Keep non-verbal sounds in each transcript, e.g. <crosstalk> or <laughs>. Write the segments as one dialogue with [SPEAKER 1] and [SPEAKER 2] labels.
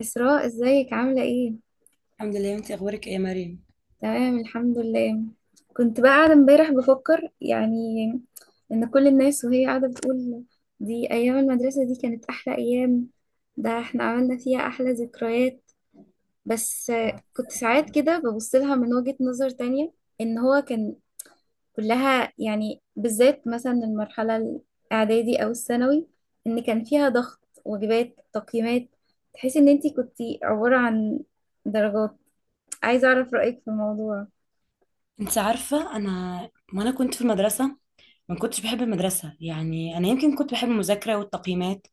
[SPEAKER 1] إسراء، ازيك عاملة ايه؟
[SPEAKER 2] الحمد لله. انت اخبارك ايه يا مريم؟
[SPEAKER 1] تمام، الحمد لله. كنت بقى قاعدة امبارح بفكر يعني ان كل الناس وهي قاعدة بتقول دي ايام المدرسة، دي كانت احلى ايام، ده احنا عملنا فيها احلى ذكريات. بس كنت ساعات كده ببص لها من وجهة نظر تانية، ان هو كان كلها يعني بالذات مثلا المرحلة الاعدادي او الثانوي، ان كان فيها ضغط، واجبات، تقييمات، تحس ان انتي كنتي عبارة عن درجات. عايزة أعرف رأيك في الموضوع.
[SPEAKER 2] انت عارفه وانا كنت في المدرسه، ما كنتش بحب المدرسه. يعني انا يمكن كنت بحب المذاكره والتقييمات،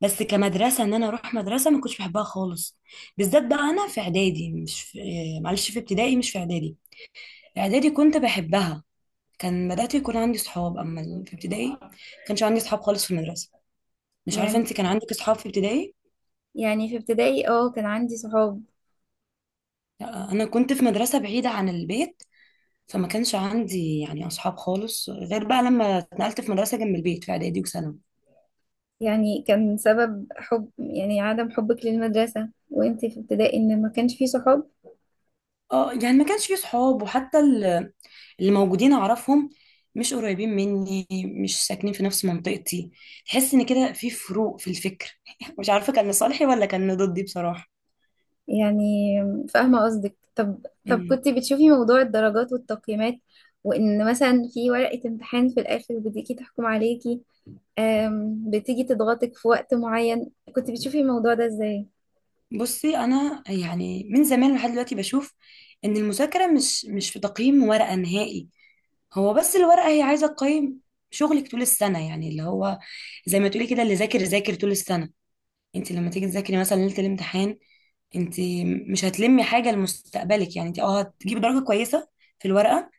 [SPEAKER 2] بس كمدرسه ان انا اروح مدرسه ما كنتش بحبها خالص. بالذات بقى انا في اعدادي مش في معلش، في ابتدائي مش في اعدادي. اعدادي كنت بحبها، كان بدات يكون عندي صحاب. اما في ابتدائي ما كانش عندي صحاب خالص في المدرسه. مش عارفه،
[SPEAKER 1] يعني
[SPEAKER 2] انت كان عندك صحاب في ابتدائي؟
[SPEAKER 1] يعني في ابتدائي اه كان عندي صحاب.
[SPEAKER 2] لا، انا كنت في مدرسه بعيده عن البيت، فما كانش عندي يعني اصحاب خالص غير بقى لما اتنقلت في مدرسه جنب البيت في اعدادي وثانوي.
[SPEAKER 1] يعني كان سبب حب يعني عدم حبك للمدرسة وانتي في ابتدائي ان ما كانش فيه صحاب؟
[SPEAKER 2] اه، يعني ما كانش في صحاب، وحتى اللي موجودين اعرفهم مش قريبين مني، مش ساكنين في نفس منطقتي. تحس ان كده في فروق في الفكر. <laughs> مش عارفه كان لصالحي ولا كان ضدي بصراحه.
[SPEAKER 1] يعني فاهمة قصدك. طب كنت بتشوفي موضوع الدرجات والتقييمات، وان مثلا في ورقة امتحان في الآخر بتيجي تحكم عليكي، بتيجي تضغطك في وقت معين، كنت بتشوفي الموضوع ده ازاي؟
[SPEAKER 2] بصي انا يعني من زمان لحد دلوقتي بشوف ان المذاكره مش في تقييم ورقه نهائي. هو بس الورقه هي عايزه تقيم شغلك طول السنه، يعني اللي هو زي ما تقولي كده، اللي ذاكر ذاكر طول السنه. انت لما تيجي تذاكري مثلا ليله الامتحان، انت مش هتلمي حاجه لمستقبلك، يعني انت هتجيبي درجه كويسه في الورقه،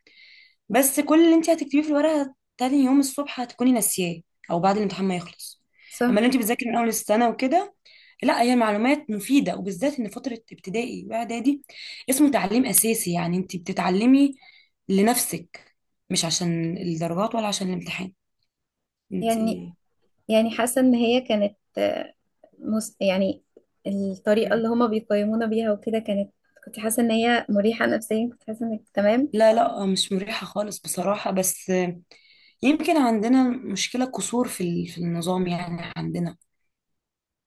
[SPEAKER 2] بس كل اللي انت هتكتبيه في الورقه تاني يوم الصبح هتكوني ناسياه، او بعد الامتحان ما يخلص. اما لو
[SPEAKER 1] صح.
[SPEAKER 2] انت بتذاكري من اول السنه وكده، لا هي معلومات مفيده، وبالذات ان فتره ابتدائي واعدادي اسمه تعليم اساسي، يعني انت بتتعلمي لنفسك، مش عشان الدرجات ولا عشان الامتحان انت.
[SPEAKER 1] يعني يعني حاسة ان هي كانت يعني الطريقة اللي هما بيقيمونا بيها وكده كانت، كنت حاسة ان هي مريحة نفسيا، كنت حاسة انك تمام.
[SPEAKER 2] لا لا، مش مريحه خالص بصراحه. بس يمكن عندنا مشكله قصور في النظام، يعني عندنا،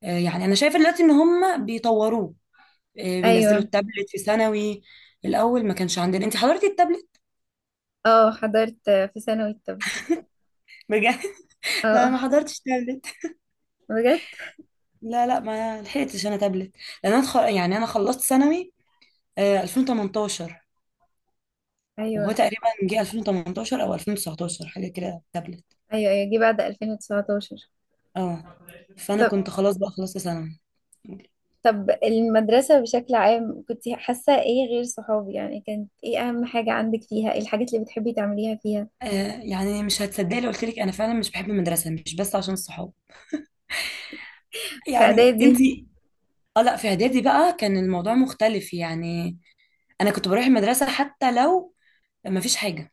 [SPEAKER 2] يعني انا شايفه دلوقتي ان هم بيطوروه. بينزلوا
[SPEAKER 1] ايوه.
[SPEAKER 2] التابلت في ثانوي. الاول ما كانش عندنا. انت حضرتي التابلت؟
[SPEAKER 1] اه، حضرت في ثانوي التابلت.
[SPEAKER 2] بجد؟ <laughs> لا،
[SPEAKER 1] اه،
[SPEAKER 2] ما حضرتش تابلت.
[SPEAKER 1] بجد.
[SPEAKER 2] لا لا، ما لحقتش انا تابلت، لان انا خ... يعني انا خلصت ثانوي 2018. وهو
[SPEAKER 1] ايوه،
[SPEAKER 2] تقريبا جه 2018 او 2019 حاجه كده تابلت.
[SPEAKER 1] ايوه، ايوه، جه بعد 2019.
[SPEAKER 2] اه، فانا
[SPEAKER 1] طب
[SPEAKER 2] كنت خلاص بقى خلصت ثانوي.
[SPEAKER 1] طب المدرسة بشكل عام كنت حاسة ايه غير صحابي؟ يعني كانت ايه اهم حاجة عندك فيها؟ ايه الحاجات اللي بتحبي تعمليها فيها؟
[SPEAKER 2] يعني مش هتصدقي لو قلت لك انا فعلا مش بحب المدرسه مش بس عشان الصحاب،
[SPEAKER 1] في
[SPEAKER 2] يعني انت.
[SPEAKER 1] اعدادي؟
[SPEAKER 2] اه لا، في اعدادي بقى كان الموضوع مختلف. يعني انا كنت بروح المدرسه حتى لو ما فيش حاجه،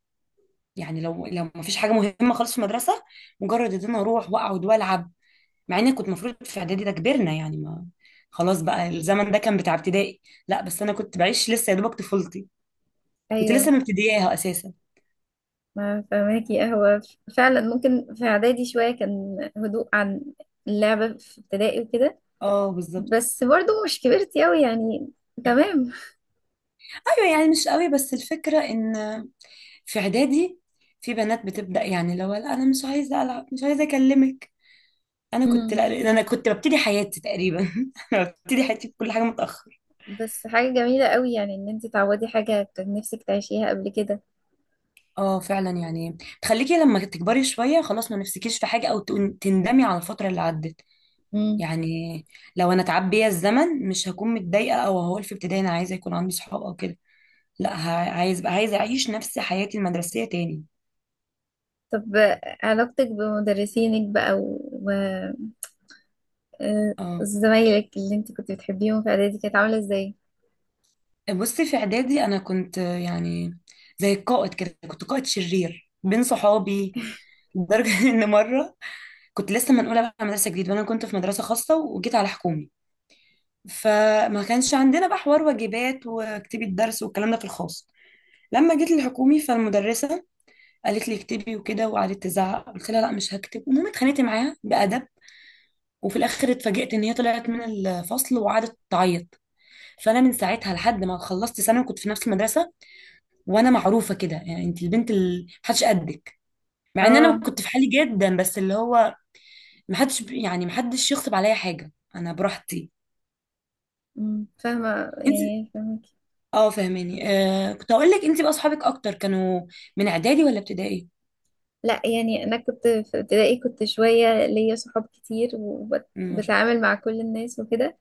[SPEAKER 2] يعني لو ما فيش حاجه مهمه خالص في المدرسه، مجرد ان انا اروح واقعد والعب. مع اني كنت المفروض في اعدادي ده كبرنا، يعني ما خلاص بقى الزمن ده كان بتاع ابتدائي. لا بس انا كنت بعيش لسه يا دوبك طفولتي، كنت لسه
[SPEAKER 1] ايوه.
[SPEAKER 2] مبتدياها اساسا.
[SPEAKER 1] ما فهماكي قهوة. فعلا ممكن في إعدادي شوية كان هدوء عن اللعبة في ابتدائي وكده،
[SPEAKER 2] اه بالظبط.
[SPEAKER 1] بس برضو مش كبرت أوي يعني. تمام.
[SPEAKER 2] ايوه يعني مش قوي، بس الفكره ان في اعدادي في بنات بتبدا، يعني لو لا، انا مش عايزه العب مش عايزه اكلمك، انا كنت
[SPEAKER 1] امم.
[SPEAKER 2] لا. انا كنت ببتدي حياتي تقريبا <laughs> انا ببتدي حياتي بكل حاجه متاخر.
[SPEAKER 1] بس حاجة جميلة أوي، يعني إن أنت تعوضي حاجة كان نفسك تعيشيها قبل كده.
[SPEAKER 2] اه فعلا، يعني تخليكي لما تكبري شوية خلاص ما نفسكيش في حاجة او تندمي على الفترة اللي عدت.
[SPEAKER 1] مم.
[SPEAKER 2] يعني لو انا اتعب بيا الزمن مش هكون متضايقة او هقول في ابتدائي انا عايزة يكون عندي صحاب او كده. لا، عايزة اعيش نفس حياتي المدرسية تاني.
[SPEAKER 1] طب علاقتك بمدرسينك بقى و و... آه،
[SPEAKER 2] اه.
[SPEAKER 1] زمايلك اللي أنت كنت بتحبيهم في إعدادي كانت عاملة إزاي؟
[SPEAKER 2] بصي في اعدادي انا كنت يعني زي القائد كده، كنت قائد شرير بين صحابي. لدرجة <laughs> ان مرة كنت لسه منقولة بقى على مدرسة جديدة، وانا كنت في مدرسة خاصة وجيت على حكومي، فما كانش عندنا بقى حوار واجبات واكتبي الدرس والكلام ده في الخاص. لما جيت الحكومي، فالمدرسة قالت لي اكتبي وكده، وقعدت تزعق، قلت لها لا مش هكتب. المهم اتخانقت معاها بأدب، وفي الاخر اتفاجئت ان هي طلعت من الفصل وقعدت تعيط. فانا من ساعتها لحد ما خلصت ثانوي كنت في نفس المدرسه، وانا معروفه كده، يعني انت البنت اللي محدش قدك. مع ان انا
[SPEAKER 1] اه.
[SPEAKER 2] كنت في حالي جدا، بس اللي هو محدش، يعني محدش يغصب عليا حاجه، انا براحتي.
[SPEAKER 1] مم، فاهمة يعني فاهمة.
[SPEAKER 2] اه، فاهماني. آه، كنت اقول لك، انت بقى اصحابك اكتر كانوا من اعدادي ولا ابتدائي؟
[SPEAKER 1] لا، يعني انا كنت في ابتدائي كنت شويه ليا صحاب كتير
[SPEAKER 2] مم، ما شاء
[SPEAKER 1] وبتعامل مع كل الناس وكده.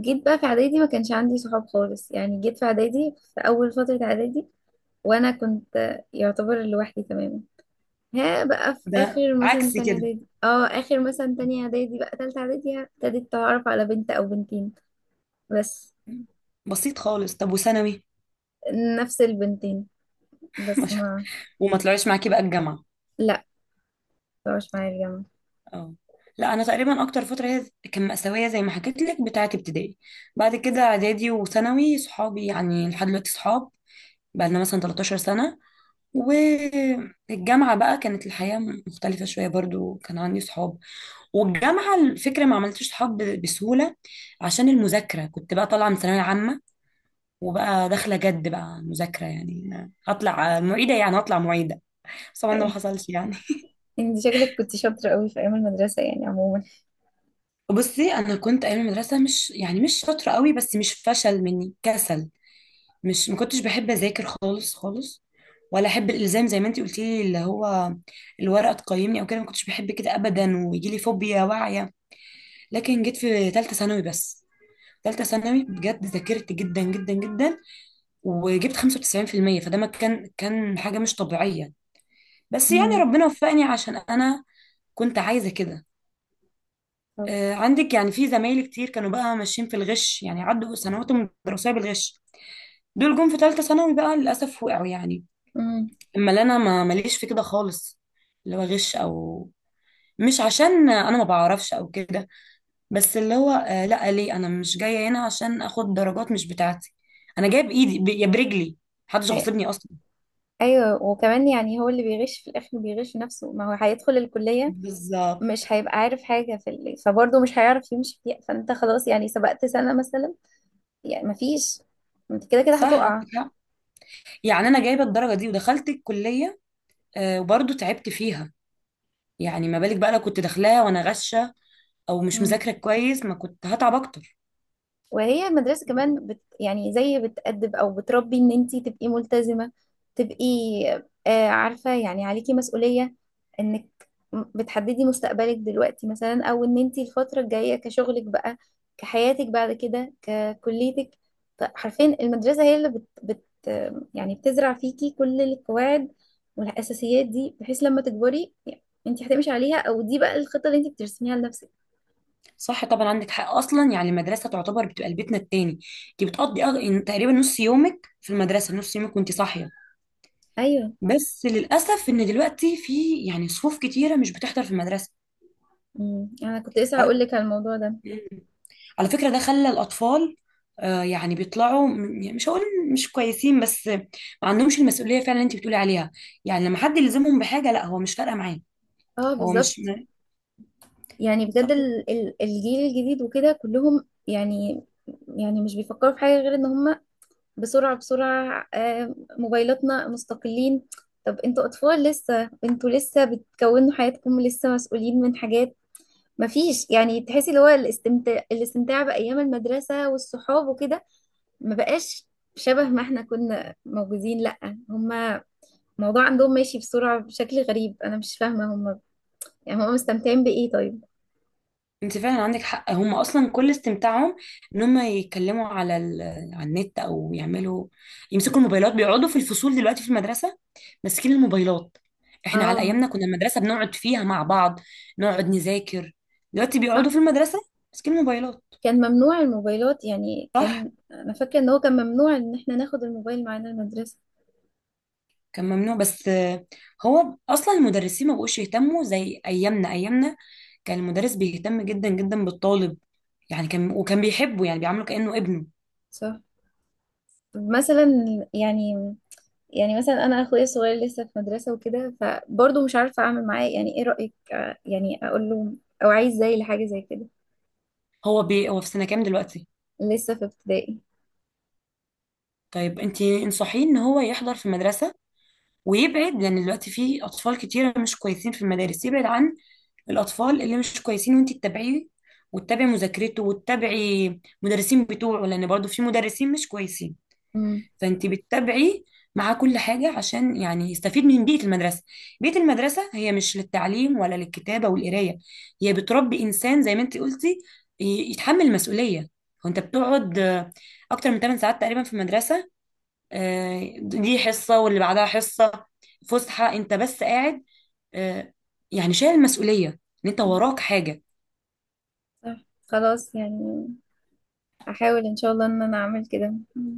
[SPEAKER 1] جيت بقى في اعدادي ما كانش عندي صحاب خالص، يعني جيت في اعدادي في اول فتره اعدادي وانا كنت يعتبر لوحدي تماما. ها بقى في
[SPEAKER 2] الله، ده
[SPEAKER 1] اخر مثلا
[SPEAKER 2] عكس
[SPEAKER 1] تانية
[SPEAKER 2] كده.
[SPEAKER 1] اعدادي، اه، اخر مثلا تانية اعدادي بقى تالتة اعدادي ابتديت اتعرف على بنت او بنتين. بس
[SPEAKER 2] مم. بسيط خالص. طب وثانوي؟
[SPEAKER 1] نفس البنتين.
[SPEAKER 2] <laughs> ما
[SPEAKER 1] بس
[SPEAKER 2] شاء الله.
[SPEAKER 1] ما...
[SPEAKER 2] وما طلعوش معاكي بقى الجامعه؟
[SPEAKER 1] لا، مش معايا الجامعه.
[SPEAKER 2] اه. لا، انا تقريبا اكتر فتره هي كان مأساوية زي ما حكيت لك بتاعه ابتدائي. بعد كده اعدادي وثانوي صحابي يعني لحد دلوقتي صحاب، بقى لنا مثلا 13 سنه. والجامعه بقى كانت الحياه مختلفه شويه، برضو كان عندي صحاب. والجامعة الفكرة ما عملتش صحاب بسهولة عشان المذاكرة، كنت بقى طالعة من ثانوية عامة وبقى داخلة جد بقى مذاكرة، يعني هطلع معيدة، يعني هطلع معيدة. بس طبعا ده ما
[SPEAKER 1] أي.
[SPEAKER 2] حصلش يعني.
[SPEAKER 1] انت شكلك كنت شاطره قوي في ايام المدرسه يعني عموما.
[SPEAKER 2] بصي أنا كنت أيام المدرسة مش، يعني مش شاطرة قوي، بس مش فشل مني، كسل. مش ما كنتش بحب أذاكر خالص خالص، ولا أحب الإلزام زي ما أنتي قلتي لي، اللي هو الورقة تقيمني أو كده، ما كنتش بحب كده أبدا ويجي لي فوبيا واعية. لكن جيت في ثالثة ثانوي بس، ثالثة ثانوي بجد ذاكرت جدا جدا جدا وجبت 95%، فده ما كان حاجة مش طبيعية. بس يعني
[SPEAKER 1] امم.
[SPEAKER 2] ربنا وفقني عشان أنا كنت عايزة كده. عندك يعني، في زمايلي كتير كانوا بقى ماشيين في الغش، يعني عدوا سنواتهم الدراسية بالغش، دول جم في ثالثة ثانوي بقى للأسف وقعوا يعني.
[SPEAKER 1] امم.
[SPEAKER 2] أما اللي أنا ما ماليش في كده خالص، اللي هو غش، أو مش عشان أنا ما بعرفش أو كده. بس اللي هو لا، ليه أنا مش جاية هنا عشان آخد درجات مش بتاعتي. أنا جاية بإيدي يا برجلي، محدش
[SPEAKER 1] أي-
[SPEAKER 2] غصبني أصلا.
[SPEAKER 1] ايوه، وكمان يعني هو اللي بيغش في الاخر بيغش نفسه، ما هو هيدخل الكليه
[SPEAKER 2] بالظبط.
[SPEAKER 1] مش هيبقى عارف حاجه في اللي، فبرضه مش هيعرف يمشي فيها، فانت خلاص يعني سبقت سنه مثلا، يعني ما فيش، انت كده كده
[SPEAKER 2] صح،
[SPEAKER 1] هتقع.
[SPEAKER 2] يعني انا جايبه الدرجه دي ودخلت الكليه وبرضه تعبت فيها. يعني ما بالك بقى لو كنت داخلاها وانا غشه او مش مذاكره كويس، ما كنت هتعب اكتر.
[SPEAKER 1] وهي المدرسة كمان يعني زي بتأدب أو بتربي إن أنتي تبقي ملتزمة، تبقي عارفة يعني عليكي مسؤولية، إنك بتحددي مستقبلك دلوقتي مثلا، أو إن أنتي الفترة الجاية كشغلك بقى، كحياتك بعد كده، ككليتك. حرفيا المدرسة هي اللي بت, بت آه، يعني بتزرع فيكي كل القواعد والأساسيات، دي بحيث لما تكبري يعني أنتي هتمشي عليها، أو دي بقى الخطة اللي أنتي بترسميها لنفسك.
[SPEAKER 2] صح طبعا، عندك حق. اصلا يعني المدرسه تعتبر بتبقى بيتنا التاني. انت بتقضي إن تقريبا نص يومك في المدرسه، نص يومك وانت صاحيه.
[SPEAKER 1] أيوه.
[SPEAKER 2] بس للاسف ان دلوقتي في يعني صفوف كتيره مش بتحضر في
[SPEAKER 1] أنا كنت لسه هقول
[SPEAKER 2] المدرسه.
[SPEAKER 1] لك على الموضوع ده.
[SPEAKER 2] على فكرة ده خلى الأطفال يعني بيطلعوا يعني مش هقول مش كويسين، بس ما عندهمش المسؤولية فعلا اللي انت بتقولي عليها. يعني لما حد يلزمهم بحاجة، لا، هو مش فارقة معاه.
[SPEAKER 1] اه،
[SPEAKER 2] هو مش
[SPEAKER 1] بالظبط.
[SPEAKER 2] م-
[SPEAKER 1] يعني بجد
[SPEAKER 2] بالظبط.
[SPEAKER 1] الجيل الجديد وكده كلهم، يعني مش بيفكروا في حاجة غير ان هم بسرعة بسرعة، موبايلاتنا، مستقلين. طب انتوا اطفال لسه، انتوا لسه بتكونوا حياتكم، لسه مسؤولين من حاجات مفيش، يعني تحسي اللي هو الاستمتاع بأيام المدرسة والصحاب وكده ما بقاش شبه ما احنا كنا موجودين. لأ، هم الموضوع عندهم ماشي بسرعة بشكل غريب، انا مش فاهمة هم يعني هم مستمتعين بإيه طيب؟
[SPEAKER 2] انت فعلا عندك حق، هم اصلا كل استمتاعهم ان هم يتكلموا على على النت، او يعملوا، يمسكوا الموبايلات. بيقعدوا في الفصول دلوقتي في المدرسة ماسكين الموبايلات. احنا على
[SPEAKER 1] اه،
[SPEAKER 2] ايامنا كنا المدرسة بنقعد فيها مع بعض، نقعد نذاكر. دلوقتي بيقعدوا
[SPEAKER 1] صح.
[SPEAKER 2] في المدرسة ماسكين الموبايلات.
[SPEAKER 1] كان ممنوع الموبايلات، يعني
[SPEAKER 2] صح،
[SPEAKER 1] كان، انا فاكره ان هو كان ممنوع ان احنا ناخد الموبايل معانا المدرسه.
[SPEAKER 2] كان ممنوع. بس هو اصلا المدرسين ما بقوش يهتموا زي ايامنا. ايامنا كان المدرس بيهتم جدا جدا بالطالب، يعني كان وكان بيحبه، يعني بيعامله كأنه ابنه.
[SPEAKER 1] صح. مثلا، يعني يعني مثلا انا اخويا الصغير لسه في مدرسه وكده، فبرضه مش عارفه اعمل معاه، يعني ايه رايك؟ يعني اقول له او عايز زي لحاجه زي كده.
[SPEAKER 2] هو هو في سنة كام دلوقتي؟
[SPEAKER 1] لسه في ابتدائي.
[SPEAKER 2] طيب انت انصحيه ان هو يحضر في المدرسة ويبعد، لان دلوقتي في اطفال كتيرة مش كويسين في المدارس. يبعد عن الاطفال اللي مش كويسين، وانت تتابعيه وتتابعي مذاكرته وتتابعي مدرسين بتوعه، لان برضو في مدرسين مش كويسين.
[SPEAKER 1] امم.
[SPEAKER 2] فانت بتتابعي مع كل حاجة عشان يعني يستفيد من بيئة المدرسة. بيئة المدرسة هي مش للتعليم ولا للكتابة والقراية، هي بتربي إنسان زي ما انت قلتي يتحمل مسؤولية. وانت بتقعد أكتر من 8 ساعات تقريبا في المدرسة. دي حصة واللي بعدها حصة فسحة، انت بس قاعد آه، يعني شايل المسؤولية ان انت وراك حاجة.
[SPEAKER 1] صح، خلاص يعني احاول ان شاء الله ان انا اعمل كده. مم.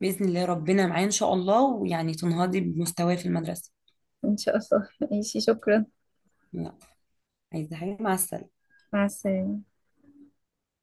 [SPEAKER 2] بإذن الله ربنا معايا إن شاء الله، ويعني تنهضي بمستواي في المدرسة.
[SPEAKER 1] ان شاء الله. <laughs> ماشي، شكرا.
[SPEAKER 2] لا. عايزة حاجة؟ مع السلامة.
[SPEAKER 1] مع السلامه.